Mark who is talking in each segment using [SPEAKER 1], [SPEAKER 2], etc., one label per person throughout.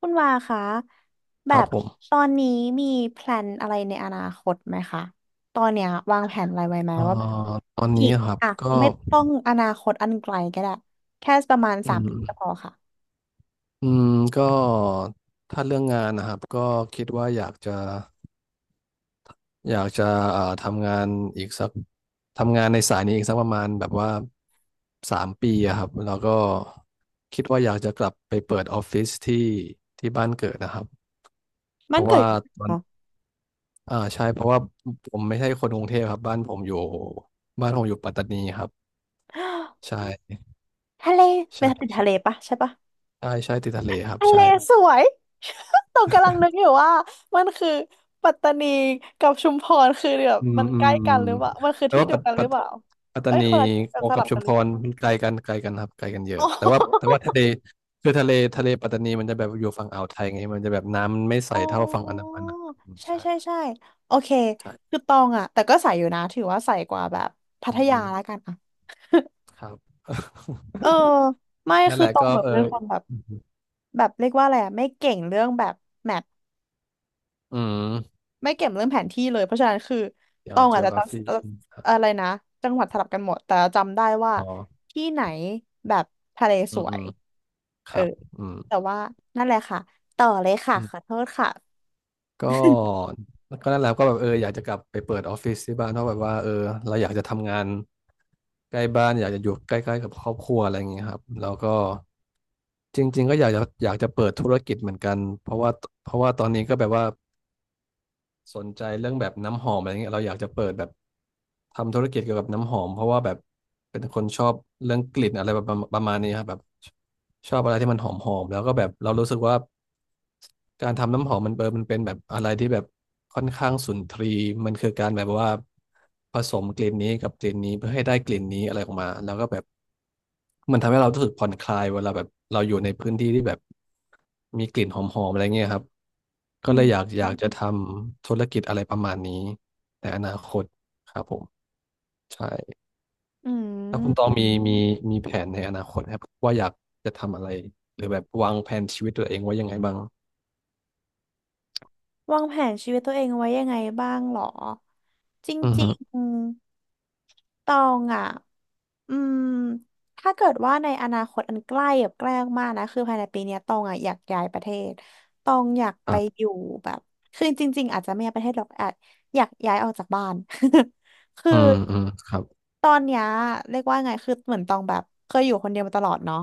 [SPEAKER 1] คุณวาคะแบ
[SPEAKER 2] ครับ
[SPEAKER 1] บ
[SPEAKER 2] ผ
[SPEAKER 1] ต
[SPEAKER 2] ม
[SPEAKER 1] อนนี้มีแพลนอะไรในอนาคตไหมคะตอนเนี้ยวางแผนอะไรไว้ไหม
[SPEAKER 2] เอ่อ
[SPEAKER 1] ว่าแบบ
[SPEAKER 2] ตอน
[SPEAKER 1] อี
[SPEAKER 2] นี้
[SPEAKER 1] ก
[SPEAKER 2] ครับ
[SPEAKER 1] อ่ะ
[SPEAKER 2] ก็
[SPEAKER 1] ไม่ต้องอนาคตอันไกลก็ได้แค่ประมาณ
[SPEAKER 2] อื
[SPEAKER 1] สามปี
[SPEAKER 2] ม
[SPEAKER 1] ก็พอค่ะ
[SPEAKER 2] อืมก็ถ้าเรื่องงานนะครับก็คิดว่าอยากจะทำงานอีกสักทำงานในสายนี้อีกสักประมาณแบบว่าสามปีอะครับแล้วก็คิดว่าอยากจะกลับไปเปิดออฟฟิศที่บ้านเกิดนะครับเพ
[SPEAKER 1] มัน
[SPEAKER 2] ราะ
[SPEAKER 1] เกิด
[SPEAKER 2] ว่า
[SPEAKER 1] อยู่ที่ไห
[SPEAKER 2] ต
[SPEAKER 1] น
[SPEAKER 2] อน
[SPEAKER 1] คะ
[SPEAKER 2] ใช่เพราะว่าผมไม่ใช่คนกรุงเทพครับบ้านผมอยู่ปัตตานีครับใ ช่
[SPEAKER 1] ทะเล
[SPEAKER 2] ใช
[SPEAKER 1] ไปติดทะเล
[SPEAKER 2] ่
[SPEAKER 1] ปะใช่ปะ
[SPEAKER 2] ใช่ใช่ติดทะเลครับ
[SPEAKER 1] ทะเล
[SPEAKER 2] ใช่
[SPEAKER 1] สวย ตกงกำลังนึกอยู่ว่ามันคือปัตตานีกับชุมพรคือแบบ
[SPEAKER 2] อืม
[SPEAKER 1] มัน
[SPEAKER 2] อื
[SPEAKER 1] ใกล้
[SPEAKER 2] ม
[SPEAKER 1] กันหรือเปล่ามันคือ
[SPEAKER 2] แต่
[SPEAKER 1] ที่
[SPEAKER 2] ว่า
[SPEAKER 1] เดียวกันหรือเปล่า
[SPEAKER 2] ปัตตา
[SPEAKER 1] เอ้ย
[SPEAKER 2] นี
[SPEAKER 1] คนละที่แบบส
[SPEAKER 2] กั
[SPEAKER 1] ลั
[SPEAKER 2] บ
[SPEAKER 1] บ
[SPEAKER 2] ชุ
[SPEAKER 1] กั
[SPEAKER 2] ม
[SPEAKER 1] นห
[SPEAKER 2] พ
[SPEAKER 1] รือเปล่า
[SPEAKER 2] รมันไกลกันครับไกลกันเย
[SPEAKER 1] อ๋
[SPEAKER 2] อะแต่ว่าแต่
[SPEAKER 1] อ
[SPEAKER 2] ว่าทะเลคือทะเลปัตตานีมันจะแบบอยู่ฝั่งอ่าวไทยไงมันจะแบบน้ำไม่ใส
[SPEAKER 1] อ๋
[SPEAKER 2] เท่าฝั่งอันดา
[SPEAKER 1] อ
[SPEAKER 2] มันอ่ะอืม
[SPEAKER 1] ใช่
[SPEAKER 2] ใช่
[SPEAKER 1] ใช่ใช่โอเค
[SPEAKER 2] ใช่
[SPEAKER 1] คือตองอะแต่ก็ใส่อยู่นะถือว่าใส่กว่าแบบพั
[SPEAKER 2] อื
[SPEAKER 1] ท
[SPEAKER 2] มอื
[SPEAKER 1] ยา
[SPEAKER 2] ม
[SPEAKER 1] แล้วกันอะ
[SPEAKER 2] ครับ
[SPEAKER 1] เออไม่
[SPEAKER 2] นั่น
[SPEAKER 1] คื
[SPEAKER 2] แห
[SPEAKER 1] อ
[SPEAKER 2] ละ
[SPEAKER 1] ตอง
[SPEAKER 2] ก็
[SPEAKER 1] แบบ
[SPEAKER 2] เออ
[SPEAKER 1] เป็นคนแบบ
[SPEAKER 2] อืม
[SPEAKER 1] แบบเรียกว่าอะไรอะไม่เก่งเรื่องแบบแมป
[SPEAKER 2] อืม
[SPEAKER 1] ไม่เก่งเรื่องแผนที่เลยเพราะฉะนั้นคือ
[SPEAKER 2] เดี๋
[SPEAKER 1] ต
[SPEAKER 2] ยว
[SPEAKER 1] องอาจจะจ
[SPEAKER 2] geography ใช่ไหมครั
[SPEAKER 1] ำ
[SPEAKER 2] บ
[SPEAKER 1] อะไรนะจังหวัดสลับกันหมดแต่จำได้ว่า
[SPEAKER 2] อ๋อ
[SPEAKER 1] ที่ไหนแบบทะเล
[SPEAKER 2] อื
[SPEAKER 1] ส
[SPEAKER 2] ม
[SPEAKER 1] ว
[SPEAKER 2] อื
[SPEAKER 1] ย
[SPEAKER 2] มค
[SPEAKER 1] เออ
[SPEAKER 2] รับอืม
[SPEAKER 1] แต่ว่านั่นแหละค่ะต่อเลยค่ะขอโทษค่ะ
[SPEAKER 2] ก็ก็นั่นแหละก็แบบเอออยากจะกลับไปเปิดออฟฟิศที่บ้านเพราะแบบว่าเออเราอยากจะทำงานใกล้บ้านอยากจะอยู่ใกล้ๆกับครอบครัวอะไรอย่างเงี้ยครับแล้วก็จริงๆก็อยากจะเปิดธุรกิจเหมือนกันเพราะว่าตอนนี้ก็แบบว่า สนใจเรื่องแบบน้ำหอมอะไรเงี้ยเราอยากจะเปิดแบบทำธุรกิจเกี่ยวกับน้ำหอมเพราะว่าแบบเป็นคนชอบเรื่องกลิ่นอะไรแบบประมาณนี้ครับแบบชอบอะไรที่มันหอมแล้วก็แบบเรารู้สึกว่าการทำน้ำหอมมันเปิดมันเป็นแบบอะไรที่แบบค่อนข้างสุนทรีย์มันคือการแบบว่าผสมกลิ่นนี้กับกลิ่นนี้เพื่อให้ได้กลิ่นนี้อะไรออกมาแล้วก็แบบ มันทำให้เรารู้สึกผ่อนคลายเวลาแบบเราอยู่ในพื้นที่ที่แบบมีกลิ่นหอมๆอะไรเงี้ยครับ
[SPEAKER 1] อื
[SPEAKER 2] ก็เล
[SPEAKER 1] ม
[SPEAKER 2] ยอยากจะทำธุรกิจอะไรประมาณนี้ในอนาคตครับผมใช่
[SPEAKER 1] อื
[SPEAKER 2] แล้วคุณตอง
[SPEAKER 1] ม
[SPEAKER 2] มีแผนในอนาคตครับว่าอยากจะทำอะไรหรือแบบวางแผนชีวิตตัวเองไว่ายังไงบ้าง
[SPEAKER 1] วางแผนชีวิตตัวเองไว้ยังไงบ้างหรอจ
[SPEAKER 2] อื
[SPEAKER 1] ริง
[SPEAKER 2] ม
[SPEAKER 1] ๆตองอ่ะอืมถ้าเกิดว่าในอนาคตอันใกล้แบบใกล้มากๆนะคือภายในปีเนี้ยตองอ่ะอยากย้ายประเทศตองอยาก
[SPEAKER 2] ค
[SPEAKER 1] ไป
[SPEAKER 2] รั
[SPEAKER 1] อ
[SPEAKER 2] บ
[SPEAKER 1] ยู่แบบคือจริงๆอาจจะไม่ย้ายประเทศหรอกอาจอยากย้ายออกจากบ้าน คือ
[SPEAKER 2] อืมอืมครับ
[SPEAKER 1] ตอนเนี้ยเรียกว่าไงคือเหมือนตองแบบเคยอยู่คนเดียวมาตลอดเนาะ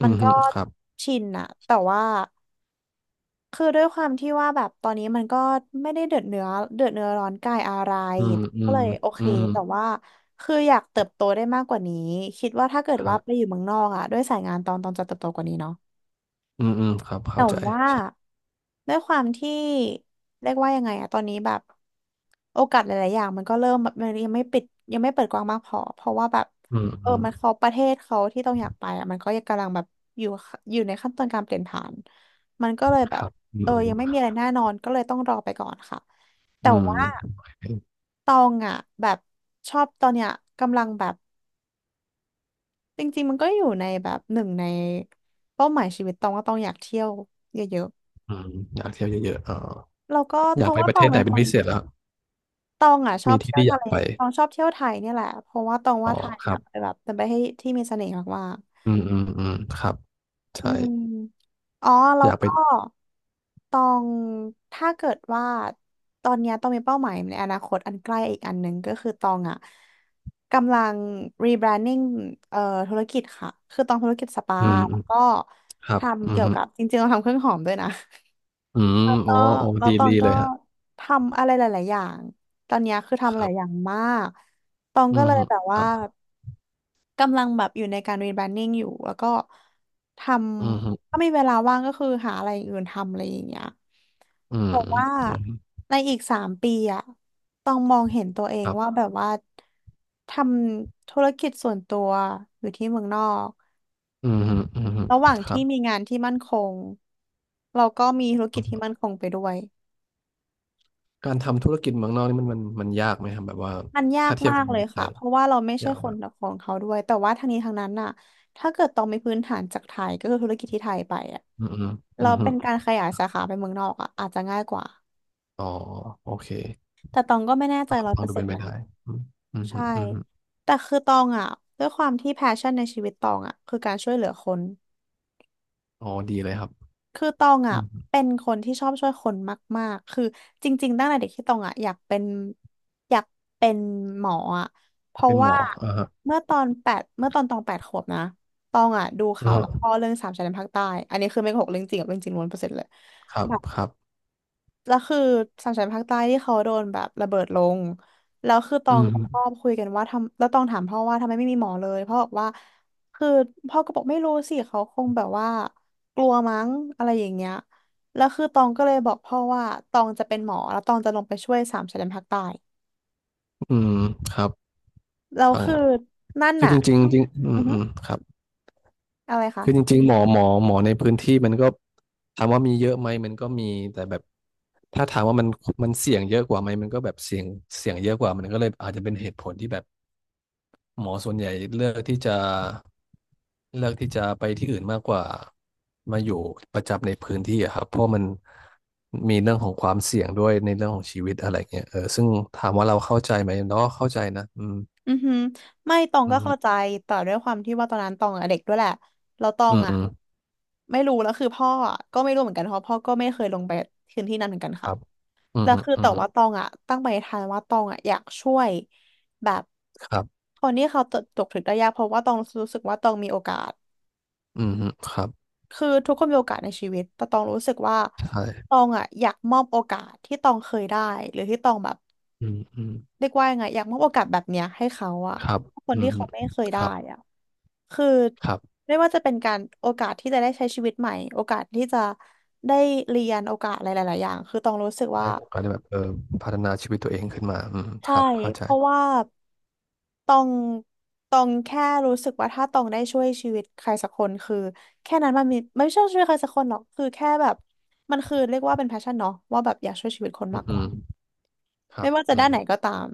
[SPEAKER 2] อื
[SPEAKER 1] มัน
[SPEAKER 2] ม
[SPEAKER 1] ก็
[SPEAKER 2] ครับ
[SPEAKER 1] ชินอะแต่ว่า คือด้วยความที่ว่าแบบตอนนี้มันก็ไม่ได้เดือดเนื้อร้อนกายอะไร
[SPEAKER 2] อืมอื
[SPEAKER 1] ก็
[SPEAKER 2] ม
[SPEAKER 1] เลยโอเค
[SPEAKER 2] อืม
[SPEAKER 1] แต่ว่าคืออยากเติบโตได้มากกว่านี้คิดว่าถ้าเกิด
[SPEAKER 2] ครั
[SPEAKER 1] ว่าไปอ
[SPEAKER 2] บ
[SPEAKER 1] ยู่เมืองนอกอะด้วยสายงานตอนจะเติบโตกว่านี้เนาะ
[SPEAKER 2] อืมอืมครับ
[SPEAKER 1] แต่
[SPEAKER 2] เข้าใจ
[SPEAKER 1] ว่า
[SPEAKER 2] ใช่
[SPEAKER 1] ด้วยความที่เรียกว่ายังไงอะตอนนี้แบบโอกาสหลายๆอย่างมันก็เริ่มแบบมันยังไม่ปิดยังไม่เปิดกว้างมากพอเพราะว่าแบบ
[SPEAKER 2] อืม
[SPEAKER 1] เอ
[SPEAKER 2] อื
[SPEAKER 1] อ
[SPEAKER 2] ม
[SPEAKER 1] มันเขาประเทศเขาที่ต้องอยากไปอะมันก็ยังกำลังแบบอยู่อยู่ในขั้นตอนการเปลี่ยนผ่านมันก็เลยแบ
[SPEAKER 2] ค
[SPEAKER 1] บ
[SPEAKER 2] รับอื
[SPEAKER 1] เออยังไม่มี
[SPEAKER 2] ม
[SPEAKER 1] อะไรแน่นอนก็เลยต้องรอไปก่อนค่ะแต่
[SPEAKER 2] อืม
[SPEAKER 1] ว่าตองอะแบบชอบตอนเนี้ยกำลังแบบจริงๆมันก็อยู่ในแบบหนึ่งในเป้าหมายชีวิตตองว่าตองอยากเที่ยวเยอะๆ
[SPEAKER 2] อืมอยากเที่ยวเยอะๆเอ๋อ
[SPEAKER 1] แล้วก็
[SPEAKER 2] อ
[SPEAKER 1] เพ
[SPEAKER 2] ยาก
[SPEAKER 1] ราะ
[SPEAKER 2] ไป
[SPEAKER 1] ว่า
[SPEAKER 2] ป
[SPEAKER 1] ต
[SPEAKER 2] ระเท
[SPEAKER 1] อง
[SPEAKER 2] ศไห
[SPEAKER 1] เป็
[SPEAKER 2] น
[SPEAKER 1] น
[SPEAKER 2] เป็
[SPEAKER 1] ค
[SPEAKER 2] น
[SPEAKER 1] น
[SPEAKER 2] พิเศษแล้ว
[SPEAKER 1] ตองอ่ะชอ
[SPEAKER 2] มี
[SPEAKER 1] บ
[SPEAKER 2] ที่
[SPEAKER 1] เที่ยว
[SPEAKER 2] ที่อ
[SPEAKER 1] ทะ
[SPEAKER 2] ยาก
[SPEAKER 1] เล
[SPEAKER 2] ไป
[SPEAKER 1] ตองชอบเที่ยวไทยเนี่ยแหละเพราะว่าตอง
[SPEAKER 2] อ๋อ
[SPEAKER 1] ว่าไทย
[SPEAKER 2] ครั
[SPEAKER 1] อ่ะ
[SPEAKER 2] บ
[SPEAKER 1] เป็นแบบเป็นประเทศที่มีเสน่ห์มาก
[SPEAKER 2] อืมอืมอืมครับ
[SPEAKER 1] ๆอื
[SPEAKER 2] ใช่
[SPEAKER 1] มอ๋อแล้
[SPEAKER 2] อ
[SPEAKER 1] ว
[SPEAKER 2] ยากไป
[SPEAKER 1] ก็ตองถ้าเกิดว่าตอนเนี้ยตองมีเป้าหมายในอนาคตอันใกล้อีกอันหนึ่งก็คือตองอ่ะกำลัง rebranding เอ่อธุรกิจค่ะคือตองธุรกิจสปา
[SPEAKER 2] อืมอื
[SPEAKER 1] แล้ว
[SPEAKER 2] ม
[SPEAKER 1] ก็
[SPEAKER 2] ครับอื
[SPEAKER 1] ทำ
[SPEAKER 2] ม
[SPEAKER 1] เกี่ยว
[SPEAKER 2] ฮึ
[SPEAKER 1] กับจริงๆเราทำเครื่องหอมด้วยนะ
[SPEAKER 2] อืมโอ้
[SPEAKER 1] ก็
[SPEAKER 2] โอ้
[SPEAKER 1] แล้ว
[SPEAKER 2] ดี
[SPEAKER 1] ตอ
[SPEAKER 2] ดี
[SPEAKER 1] งก็
[SPEAKER 2] เลยฮะ
[SPEAKER 1] ทำอะไรหลายๆอย่างตอนเนี้ยคือ
[SPEAKER 2] ค
[SPEAKER 1] ทำห
[SPEAKER 2] รั
[SPEAKER 1] ลายอย่าง
[SPEAKER 2] บ
[SPEAKER 1] มากตอง
[SPEAKER 2] อื
[SPEAKER 1] ก็
[SPEAKER 2] ม
[SPEAKER 1] เลย
[SPEAKER 2] ฮึ
[SPEAKER 1] แบบ
[SPEAKER 2] ค
[SPEAKER 1] ว่า
[SPEAKER 2] รับ
[SPEAKER 1] กำลังแบบอยู่ในการรีแบรนดิ้งอยู่แล้วก็ท
[SPEAKER 2] อืมฮึ
[SPEAKER 1] ำถ้ามีเวลาว่างก็คือหาอะไรอย่างอื่นทำอะไรอย่างเงี้ย
[SPEAKER 2] อืม
[SPEAKER 1] แต่ว่า
[SPEAKER 2] อืม
[SPEAKER 1] ในอีกสามปีอะต้องมองเห็นตัวเอ
[SPEAKER 2] ค
[SPEAKER 1] ง
[SPEAKER 2] รั
[SPEAKER 1] ว่าแบ
[SPEAKER 2] บ
[SPEAKER 1] บว่าทำธุรกิจส่วนตัวอยู่ที่เมืองนอก
[SPEAKER 2] อืมฮึอืมฮึ
[SPEAKER 1] ระหว่าง
[SPEAKER 2] ครั
[SPEAKER 1] ที่
[SPEAKER 2] บ
[SPEAKER 1] มีงานที่มั่นคงเราก็มีธุรกิจที่มั่นคงไปด้วย
[SPEAKER 2] การทำธุรกิจเมืองนอกนี่มันยากไหมครับแบบว่า
[SPEAKER 1] มันยาก
[SPEAKER 2] ถ้าเทียบ
[SPEAKER 1] มา
[SPEAKER 2] กั
[SPEAKER 1] ก
[SPEAKER 2] บ
[SPEAKER 1] เล
[SPEAKER 2] เมือ
[SPEAKER 1] ย
[SPEAKER 2] งไท
[SPEAKER 1] ค่ะ
[SPEAKER 2] ย
[SPEAKER 1] เพราะว่าเราไม่ใช่
[SPEAKER 2] ยาก
[SPEAKER 1] คน
[SPEAKER 2] มาก
[SPEAKER 1] ของเขาด้วย แต่ว่าทั้งนี้ทั้งนั้นน่ะถ้าเกิดตองมีพื้นฐานจากไทย ก็คือธุรกิจที่ไทยไปอ่ะ
[SPEAKER 2] อืมอืมอื
[SPEAKER 1] เรา
[SPEAKER 2] มฮึ
[SPEAKER 1] เป็นการขยายสาขาไปเมืองนอกอ่ะอาจจะง่ายกว่า
[SPEAKER 2] อ๋อโอเค
[SPEAKER 1] แต่ตองก็ไม่แน่ใจร้อย
[SPEAKER 2] ฟั
[SPEAKER 1] เป
[SPEAKER 2] ง
[SPEAKER 1] อร์
[SPEAKER 2] ดู
[SPEAKER 1] เซ็
[SPEAKER 2] เป็
[SPEAKER 1] น
[SPEAKER 2] น
[SPEAKER 1] ต์
[SPEAKER 2] ไป
[SPEAKER 1] นะ
[SPEAKER 2] ได้อืมอืมฮึ
[SPEAKER 1] ใช่
[SPEAKER 2] อืมฮึ
[SPEAKER 1] แต่คือตองอ่ะด้วยความที่แพชชั่นในชีวิตตองอ่ะคือการช่วยเหลือคน
[SPEAKER 2] อ๋อดีเลยครับ
[SPEAKER 1] คือตอง
[SPEAKER 2] อื
[SPEAKER 1] อ่ะ
[SPEAKER 2] ม
[SPEAKER 1] เป็นคนที่ชอบช่วยคนมากๆ คือจริงๆ ตั้งแต่เด็กที่ตองอ่ะอยากเป็นหมออ่ะเพราะ
[SPEAKER 2] เป็นหม
[SPEAKER 1] ว่า
[SPEAKER 2] ออ่าฮะ
[SPEAKER 1] เมื่อตอนตอง8 ขวบนะตองอ่ะดู
[SPEAKER 2] อ่า
[SPEAKER 1] ข่าว
[SPEAKER 2] ฮะ
[SPEAKER 1] กับพ่อเรื่องสามชายแดนภาคใต้อันนี้คือไม่โกหกเรื่องจริงกับเรื่องจริงล้วนเปอร์เซ็นต์เลย
[SPEAKER 2] ครับครับ
[SPEAKER 1] แล้วคือสามชันภาคใต้ที่เขาโดนแบบระเบิดลงแล้วคือตอ
[SPEAKER 2] อื
[SPEAKER 1] งกับพ่อ
[SPEAKER 2] ม
[SPEAKER 1] คุยกันว่าทำแล้วตองถามพ่อว่าทำไมไม่มีหมอเลยพ่อบอกว่าคือพ่อก็บอกไม่รู้สิเขาคงแบบว่ากลัวมั้งอะไรอย่างเงี้ยแล้วคือตองก็เลยบอกพ่อว่าตองจะเป็นหมอแล้วตองจะลงไปช่วยสามชายแดนภาคใต้
[SPEAKER 2] อืมครับ
[SPEAKER 1] แล้ว
[SPEAKER 2] ฟัง
[SPEAKER 1] คือนั่น
[SPEAKER 2] คือ
[SPEAKER 1] น่ะ
[SPEAKER 2] จริงๆจริงอื
[SPEAKER 1] อื
[SPEAKER 2] ม
[SPEAKER 1] อฮึ
[SPEAKER 2] อืมครับ
[SPEAKER 1] อะไรคะ
[SPEAKER 2] คือจริงๆหมอในพื้นที่มันก็ถามว่ามีเยอะไหมมันก็มีแต่แบบถ้าถามว่ามันเสี่ยงเยอะกว่าไหมมันก็แบบเสี่ยงเสี่ยงเยอะกว่ามันก็เลยอาจจะเป็นเหตุผลที่แบบ หมอส่วนใหญ่เลือกที่จะเลือกที่จะไปที่อื่นมากกว่ามาอยู่ประจำในพื้นที่อะครับเพราะมันมีเรื่องของความเสี่ยงด้วยในเรื่องของชีวิตอะไรเงี้ยเออซึ่งถามว่าเราเข้าใจไหมเราก็เข้าใจนะอืม
[SPEAKER 1] อือหือไม่ตอง
[SPEAKER 2] อื
[SPEAKER 1] ก็เข้า
[SPEAKER 2] ม
[SPEAKER 1] ใจแต่ด้วยความที่ว่าตอนนั้นตองอะเด็กด้วยแหละแล้วตอ
[SPEAKER 2] อื
[SPEAKER 1] ง
[SPEAKER 2] ม
[SPEAKER 1] อะ
[SPEAKER 2] อืม
[SPEAKER 1] ไม่รู้แล้วคือพ่ออะก็ไม่รู้เหมือนกันเพราะพ่อก็ไม่เคยลงไปพื้นที่นั้นเหมือนกัน
[SPEAKER 2] ค
[SPEAKER 1] ค่ะ
[SPEAKER 2] รับอืม
[SPEAKER 1] แล้ว
[SPEAKER 2] ฮึ
[SPEAKER 1] คือ
[SPEAKER 2] อื
[SPEAKER 1] แต่
[SPEAKER 2] ม
[SPEAKER 1] ว่าตองอะตั้งปณิธานว่าตองอะอยากช่วยแบบ
[SPEAKER 2] ครับ
[SPEAKER 1] คนที่เขาตกถึงได้ยากเพราะว่าตองรู้สึกว่าตองมีโอกาส
[SPEAKER 2] อืมครับ
[SPEAKER 1] คือทุกคนมีโอกาสในชีวิตแต่ตองรู้สึกว่า
[SPEAKER 2] ใช
[SPEAKER 1] ต
[SPEAKER 2] ่
[SPEAKER 1] องอะอยากมอบโอกาสที่ตองเคยได้หรือที่ตองแบบ
[SPEAKER 2] อืมอืม
[SPEAKER 1] เรียกว่ายังไงอยากมอบโอกาสแบบเนี้ยให้เขาอะ
[SPEAKER 2] ครับ
[SPEAKER 1] คน
[SPEAKER 2] อื
[SPEAKER 1] ที่
[SPEAKER 2] ม
[SPEAKER 1] เขาไม่เคย
[SPEAKER 2] ค
[SPEAKER 1] ได้
[SPEAKER 2] รับ
[SPEAKER 1] อะคือ
[SPEAKER 2] ครับ
[SPEAKER 1] ไม่ว่าจะเป็นการโอกาสที่จะได้ใช้ชีวิตใหม่โอกาสที่จะได้เรียนโอกาสอะไรหลายๆอย่างคือต้องรู้สึกว่า
[SPEAKER 2] ได้โอกาสได้แบบเออพัฒนาชีวิตตัวเองขึ้นมาอืมค
[SPEAKER 1] ใช่
[SPEAKER 2] รับเข้า
[SPEAKER 1] เพ
[SPEAKER 2] ใจ
[SPEAKER 1] ราะว่าตองตองแค่รู้สึกว่าถ้าตองได้ช่วยชีวิตใครสักคนคือแค่นั้นมันมีไม่ใช่ช่วยใครสักคนหรอกคือแค่แบบมันคือเรียกว่าเป็นแพชชั่นเนาะว่าแบบอยากช่วยชีวิตคน
[SPEAKER 2] อื
[SPEAKER 1] มา
[SPEAKER 2] ม
[SPEAKER 1] กก
[SPEAKER 2] อื
[SPEAKER 1] ว่า
[SPEAKER 2] มครั
[SPEAKER 1] ไม่
[SPEAKER 2] บ
[SPEAKER 1] ว่าจะ
[SPEAKER 2] อื
[SPEAKER 1] ด้า
[SPEAKER 2] ม
[SPEAKER 1] นไหนก็ตาม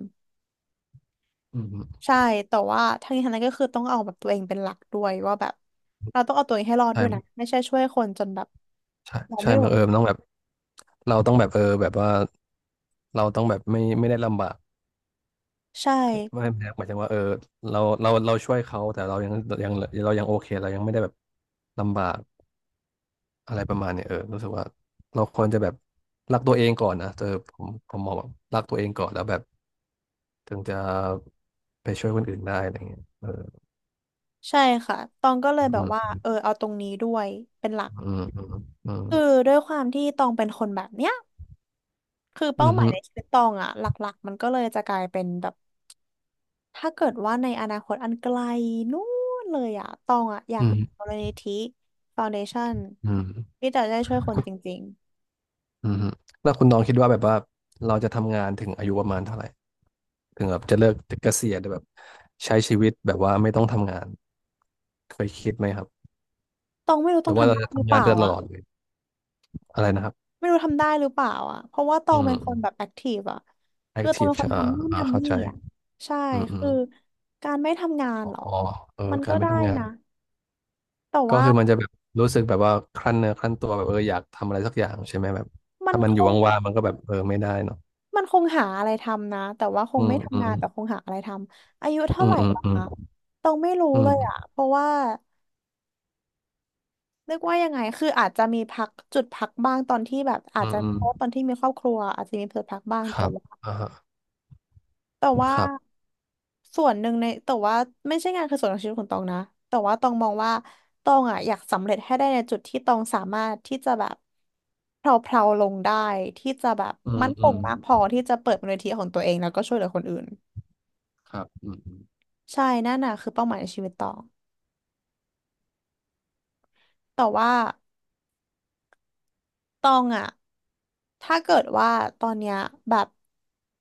[SPEAKER 2] อืม
[SPEAKER 1] ใช่ แต่ว่าทั้งนี้ทั้งนั้นก็คือต้องเอาแบบตัวเองเป็นหลักด้วยว่าแบบเราต้องเอาตัวเองให้รอดด้วยนะ
[SPEAKER 2] ใช่
[SPEAKER 1] ไม่ใช่ช่วยคนจนแบบ
[SPEAKER 2] ใช่
[SPEAKER 1] เรา
[SPEAKER 2] ใช่
[SPEAKER 1] ไม่ไห
[SPEAKER 2] บั
[SPEAKER 1] ว
[SPEAKER 2] งเออมันต้องแบบเราต้องแบบเออแบบว่าเราต้องแบบไม่ได้ลำบาก
[SPEAKER 1] ใช่
[SPEAKER 2] ไม่หมายถึงว่าเออเราช่วยเขาแต่เรายังยังเรายังโอเคเรายังไม่ได้แบบลำบากอะไรประมาณเนี้ยเออรู้สึกว่าเราควรจะแบบรักตัวเองก่อนนะเออผมมองแบบรักตัวเองก่อนแล้วแบบถึงจะไปช่วยคนอื่นได้อะไรเงี้ยเออ
[SPEAKER 1] ใช่ค่ะตองก็เลยแบ
[SPEAKER 2] อื
[SPEAKER 1] บ
[SPEAKER 2] ม
[SPEAKER 1] ว่าเออเอาตรงนี้ด้วยเป็นหลัก
[SPEAKER 2] อืมอืม
[SPEAKER 1] คือด้วยความที่ตองเป็นคนแบบเนี้ยคือ
[SPEAKER 2] อื
[SPEAKER 1] เป้า
[SPEAKER 2] ม
[SPEAKER 1] หมา
[SPEAKER 2] อื
[SPEAKER 1] ย
[SPEAKER 2] ม
[SPEAKER 1] ในชีวิตตองอะหลักๆมันก็เลยจะกลายเป็นแบบถ้าเกิดว่าในอนาคตอันไกลนู่นเลยอะตองอะอยา
[SPEAKER 2] อื
[SPEAKER 1] ก
[SPEAKER 2] ม
[SPEAKER 1] มูลนิธิฟาวเดชั่น
[SPEAKER 2] อืม
[SPEAKER 1] ที่จะได้ช่วยคนจริง
[SPEAKER 2] อืมฮึแล้วคุณน้องคิดว่าแบบว่าเราจะทำงานถึงอายุประมาณเท่าไหร่ถึงแบบจะเลิกเกษียณแบบใช้ชีวิตแบบว่าไม่ต้องทำงานเคยคิดไหมครับ
[SPEAKER 1] ๆตองไม่รู้
[SPEAKER 2] ห
[SPEAKER 1] ต้
[SPEAKER 2] รื
[SPEAKER 1] อง
[SPEAKER 2] อว่า
[SPEAKER 1] ทำ
[SPEAKER 2] เรา
[SPEAKER 1] ได้
[SPEAKER 2] จะ
[SPEAKER 1] หรือ
[SPEAKER 2] ทำ
[SPEAKER 1] เป
[SPEAKER 2] งาน
[SPEAKER 1] ล่า
[SPEAKER 2] ไปต
[SPEAKER 1] อะ
[SPEAKER 2] ลอดเลยอะไรนะครับ
[SPEAKER 1] ไม่รู้ทำได้หรือเปล่าอ่ะ เพราะว่าตอ
[SPEAKER 2] อื
[SPEAKER 1] งเป็นคนแบบ
[SPEAKER 2] ม
[SPEAKER 1] แอคทีฟอ่ะ
[SPEAKER 2] แอ
[SPEAKER 1] คื
[SPEAKER 2] ค
[SPEAKER 1] อต
[SPEAKER 2] ที
[SPEAKER 1] อ
[SPEAKER 2] ฟ
[SPEAKER 1] งเป็นคน
[SPEAKER 2] อ่า
[SPEAKER 1] ทำนู่น
[SPEAKER 2] อ่า
[SPEAKER 1] ทำ
[SPEAKER 2] เข้า
[SPEAKER 1] นี่
[SPEAKER 2] ใจ
[SPEAKER 1] อ่ะใช่
[SPEAKER 2] อืมอื
[SPEAKER 1] คื
[SPEAKER 2] ม
[SPEAKER 1] อการไม่ทำงาน
[SPEAKER 2] อ๋อ
[SPEAKER 1] เหรอ
[SPEAKER 2] เออ
[SPEAKER 1] มัน
[SPEAKER 2] กา
[SPEAKER 1] ก็
[SPEAKER 2] รไม่
[SPEAKER 1] ได้
[SPEAKER 2] ทำงาน
[SPEAKER 1] นะแต่
[SPEAKER 2] ก็
[SPEAKER 1] ว่า
[SPEAKER 2] คือมันจะแบบรู้สึกแบบว่าครั่นเนื้อครั่นตัวแบบเอออยากทำอะไรสักอย่างใช่ไหมแบบ
[SPEAKER 1] มัน
[SPEAKER 2] ถ้ามัน
[SPEAKER 1] ค
[SPEAKER 2] อยู่
[SPEAKER 1] ง
[SPEAKER 2] ว่างๆมันก็แบบเออไม่ได้เนาะ
[SPEAKER 1] มันคงหาอะไรทำนะ แต่ว่าค
[SPEAKER 2] อื
[SPEAKER 1] งไม่
[SPEAKER 2] มอื
[SPEAKER 1] ทำงา
[SPEAKER 2] ม
[SPEAKER 1] นแต่คงหาอะไรทำอายุเท่า
[SPEAKER 2] อื
[SPEAKER 1] ไห
[SPEAKER 2] ม
[SPEAKER 1] ร่
[SPEAKER 2] อืม
[SPEAKER 1] ปะ
[SPEAKER 2] อืม
[SPEAKER 1] คะตองไม่รู้
[SPEAKER 2] อื
[SPEAKER 1] เลยอ่ะ
[SPEAKER 2] ม
[SPEAKER 1] เพราะว่าเรียกว่ายังไง คืออาจจะมีพักจุดพักบ้างตอนที่แบบอา
[SPEAKER 2] อื
[SPEAKER 1] จ
[SPEAKER 2] ม
[SPEAKER 1] จะ
[SPEAKER 2] อืม
[SPEAKER 1] เพราะว่าตอนที่มีครอบครัวอาจจะมีเผลอพักบ้าง
[SPEAKER 2] ค
[SPEAKER 1] ตั
[SPEAKER 2] รับ
[SPEAKER 1] ว
[SPEAKER 2] อ่าฮะ
[SPEAKER 1] แต่ว่า
[SPEAKER 2] ครับ
[SPEAKER 1] ส่วนหนึ่งในแต่ว่าไม่ใช่งานคือส่วนของชีวิตของตองนะแต่ว่าตองมองว่าตองอ่ะอยากสำเร็จให้ได้ในจุดที่ตองสามารถที่จะแบบเพลาๆลาลงได้ที่จะแบบ
[SPEAKER 2] อืม
[SPEAKER 1] มั่นค
[SPEAKER 2] อื
[SPEAKER 1] ง
[SPEAKER 2] ม
[SPEAKER 1] มากพอที่จะเปิดมูลนิธิของตัวเองแล้วก็ช่วยเหลือคนอื่น
[SPEAKER 2] ครับอืมอืม
[SPEAKER 1] ใช่นั่นน่ะคือเป้าหมายในชีวิตตองแต่ว่าตองอ่ะถ้าเกิดว่าตอนเนี้ยแบบ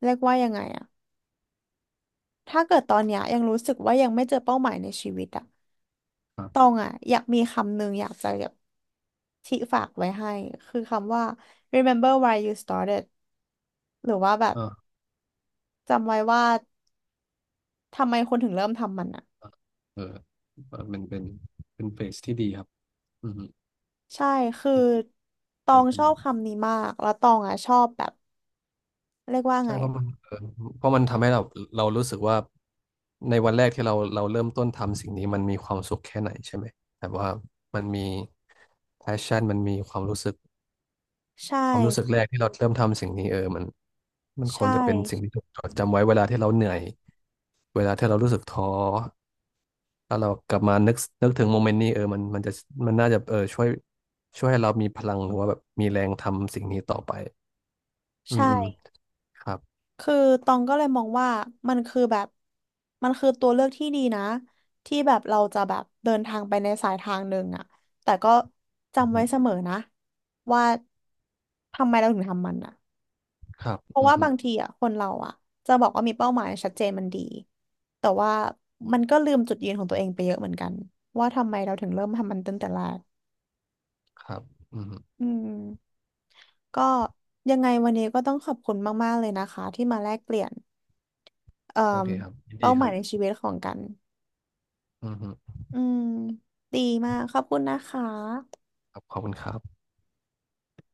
[SPEAKER 1] เรียกว่ายังไงอ่ะถ้าเกิดตอนเนี้ยยังรู้สึกว่ายังไม่เจอเป้าหมายในชีวิตอ่ะ
[SPEAKER 2] ครั
[SPEAKER 1] ตอ
[SPEAKER 2] บ
[SPEAKER 1] งอ่ะอยากมีคำหนึ่งอยากจะ ที่ฝากไว้ให้คือคำว่า remember why you started หรือว่าแบบ
[SPEAKER 2] เออ
[SPEAKER 1] จำไว้ว่าทำไมคนถึงเริ่มทำมันอ่ะ
[SPEAKER 2] เออเออเป็นเป็นเฟสที่ดีครับอืม
[SPEAKER 1] ใช่ คือต
[SPEAKER 2] เอ
[SPEAKER 1] อ
[SPEAKER 2] อ
[SPEAKER 1] งชอบคำนี้มาก แล้วตองอ่ะชอบแบบเรียกว่า
[SPEAKER 2] ใช่
[SPEAKER 1] ไง
[SPEAKER 2] เพราะมันเออเพราะมันทำให้เรารู้สึกว่าในวันแรกที่เราเริ่มต้นทำสิ่งนี้มันมีความสุขแค่ไหนใช่ไหมแต่ว่ามันมี passion มันมีความรู้สึก
[SPEAKER 1] ใช่
[SPEAKER 2] ความรู้สึกแรกที่เราเริ่มทำสิ่งนี้เออมันค
[SPEAKER 1] ใช่
[SPEAKER 2] วรจะเป็นสิ่งที่ถูกจดจำไว้เวลาที่เราเหนื่อยเวลาที่เรารู้สึกท้อถ้าเรากลับมานึกถึงโมเมนต์นี้เออมันน่าจะเออช่วยให้เรามีพลังหรือว่าแบบมีแรงทำสิ่งนี้ต่อไปอื
[SPEAKER 1] ใช่
[SPEAKER 2] มอืมครับ
[SPEAKER 1] คือตองก็เลยมองว่ามันคือแบบมันคือตัวเลือกที่ดีนะที่แบบเราจะแบบเดินทางไปในสายทางหนึ่งอ่ะแต่ก็
[SPEAKER 2] อืม
[SPEAKER 1] จำ
[SPEAKER 2] อื
[SPEAKER 1] ไว้
[SPEAKER 2] ม
[SPEAKER 1] เสมอนะว่าทำไมเราถึงทำมันอ่ะ
[SPEAKER 2] ครับ
[SPEAKER 1] เพราะ
[SPEAKER 2] อืม
[SPEAKER 1] ว่า
[SPEAKER 2] อื
[SPEAKER 1] บา
[SPEAKER 2] ม
[SPEAKER 1] งทีอ่ะคนเราอ่ะจะบอกว่ามีเป้าหมายชัดเจนมันดีแต่ว่ามันก็ลืมจุดยืนของตัวเองไปเยอะเหมือนกันว่าทำไมเราถึงเริ่มทำมันตั้งแต่แรก
[SPEAKER 2] ครับอืมอืม
[SPEAKER 1] อืมก็ยังไงวันนี้ก็ต้องขอบคุณมากๆเลยนะคะที่มาแลกเปลี่ยนเอ่
[SPEAKER 2] โอ
[SPEAKER 1] อ
[SPEAKER 2] เคครับยินดี
[SPEAKER 1] เป้าห
[SPEAKER 2] ค
[SPEAKER 1] มา
[SPEAKER 2] รั
[SPEAKER 1] ย
[SPEAKER 2] บ
[SPEAKER 1] ในชีวิตของกัน
[SPEAKER 2] อืมอืม
[SPEAKER 1] อืมดีมากขอบคุณนะคะ
[SPEAKER 2] ครับขอบคุณครับ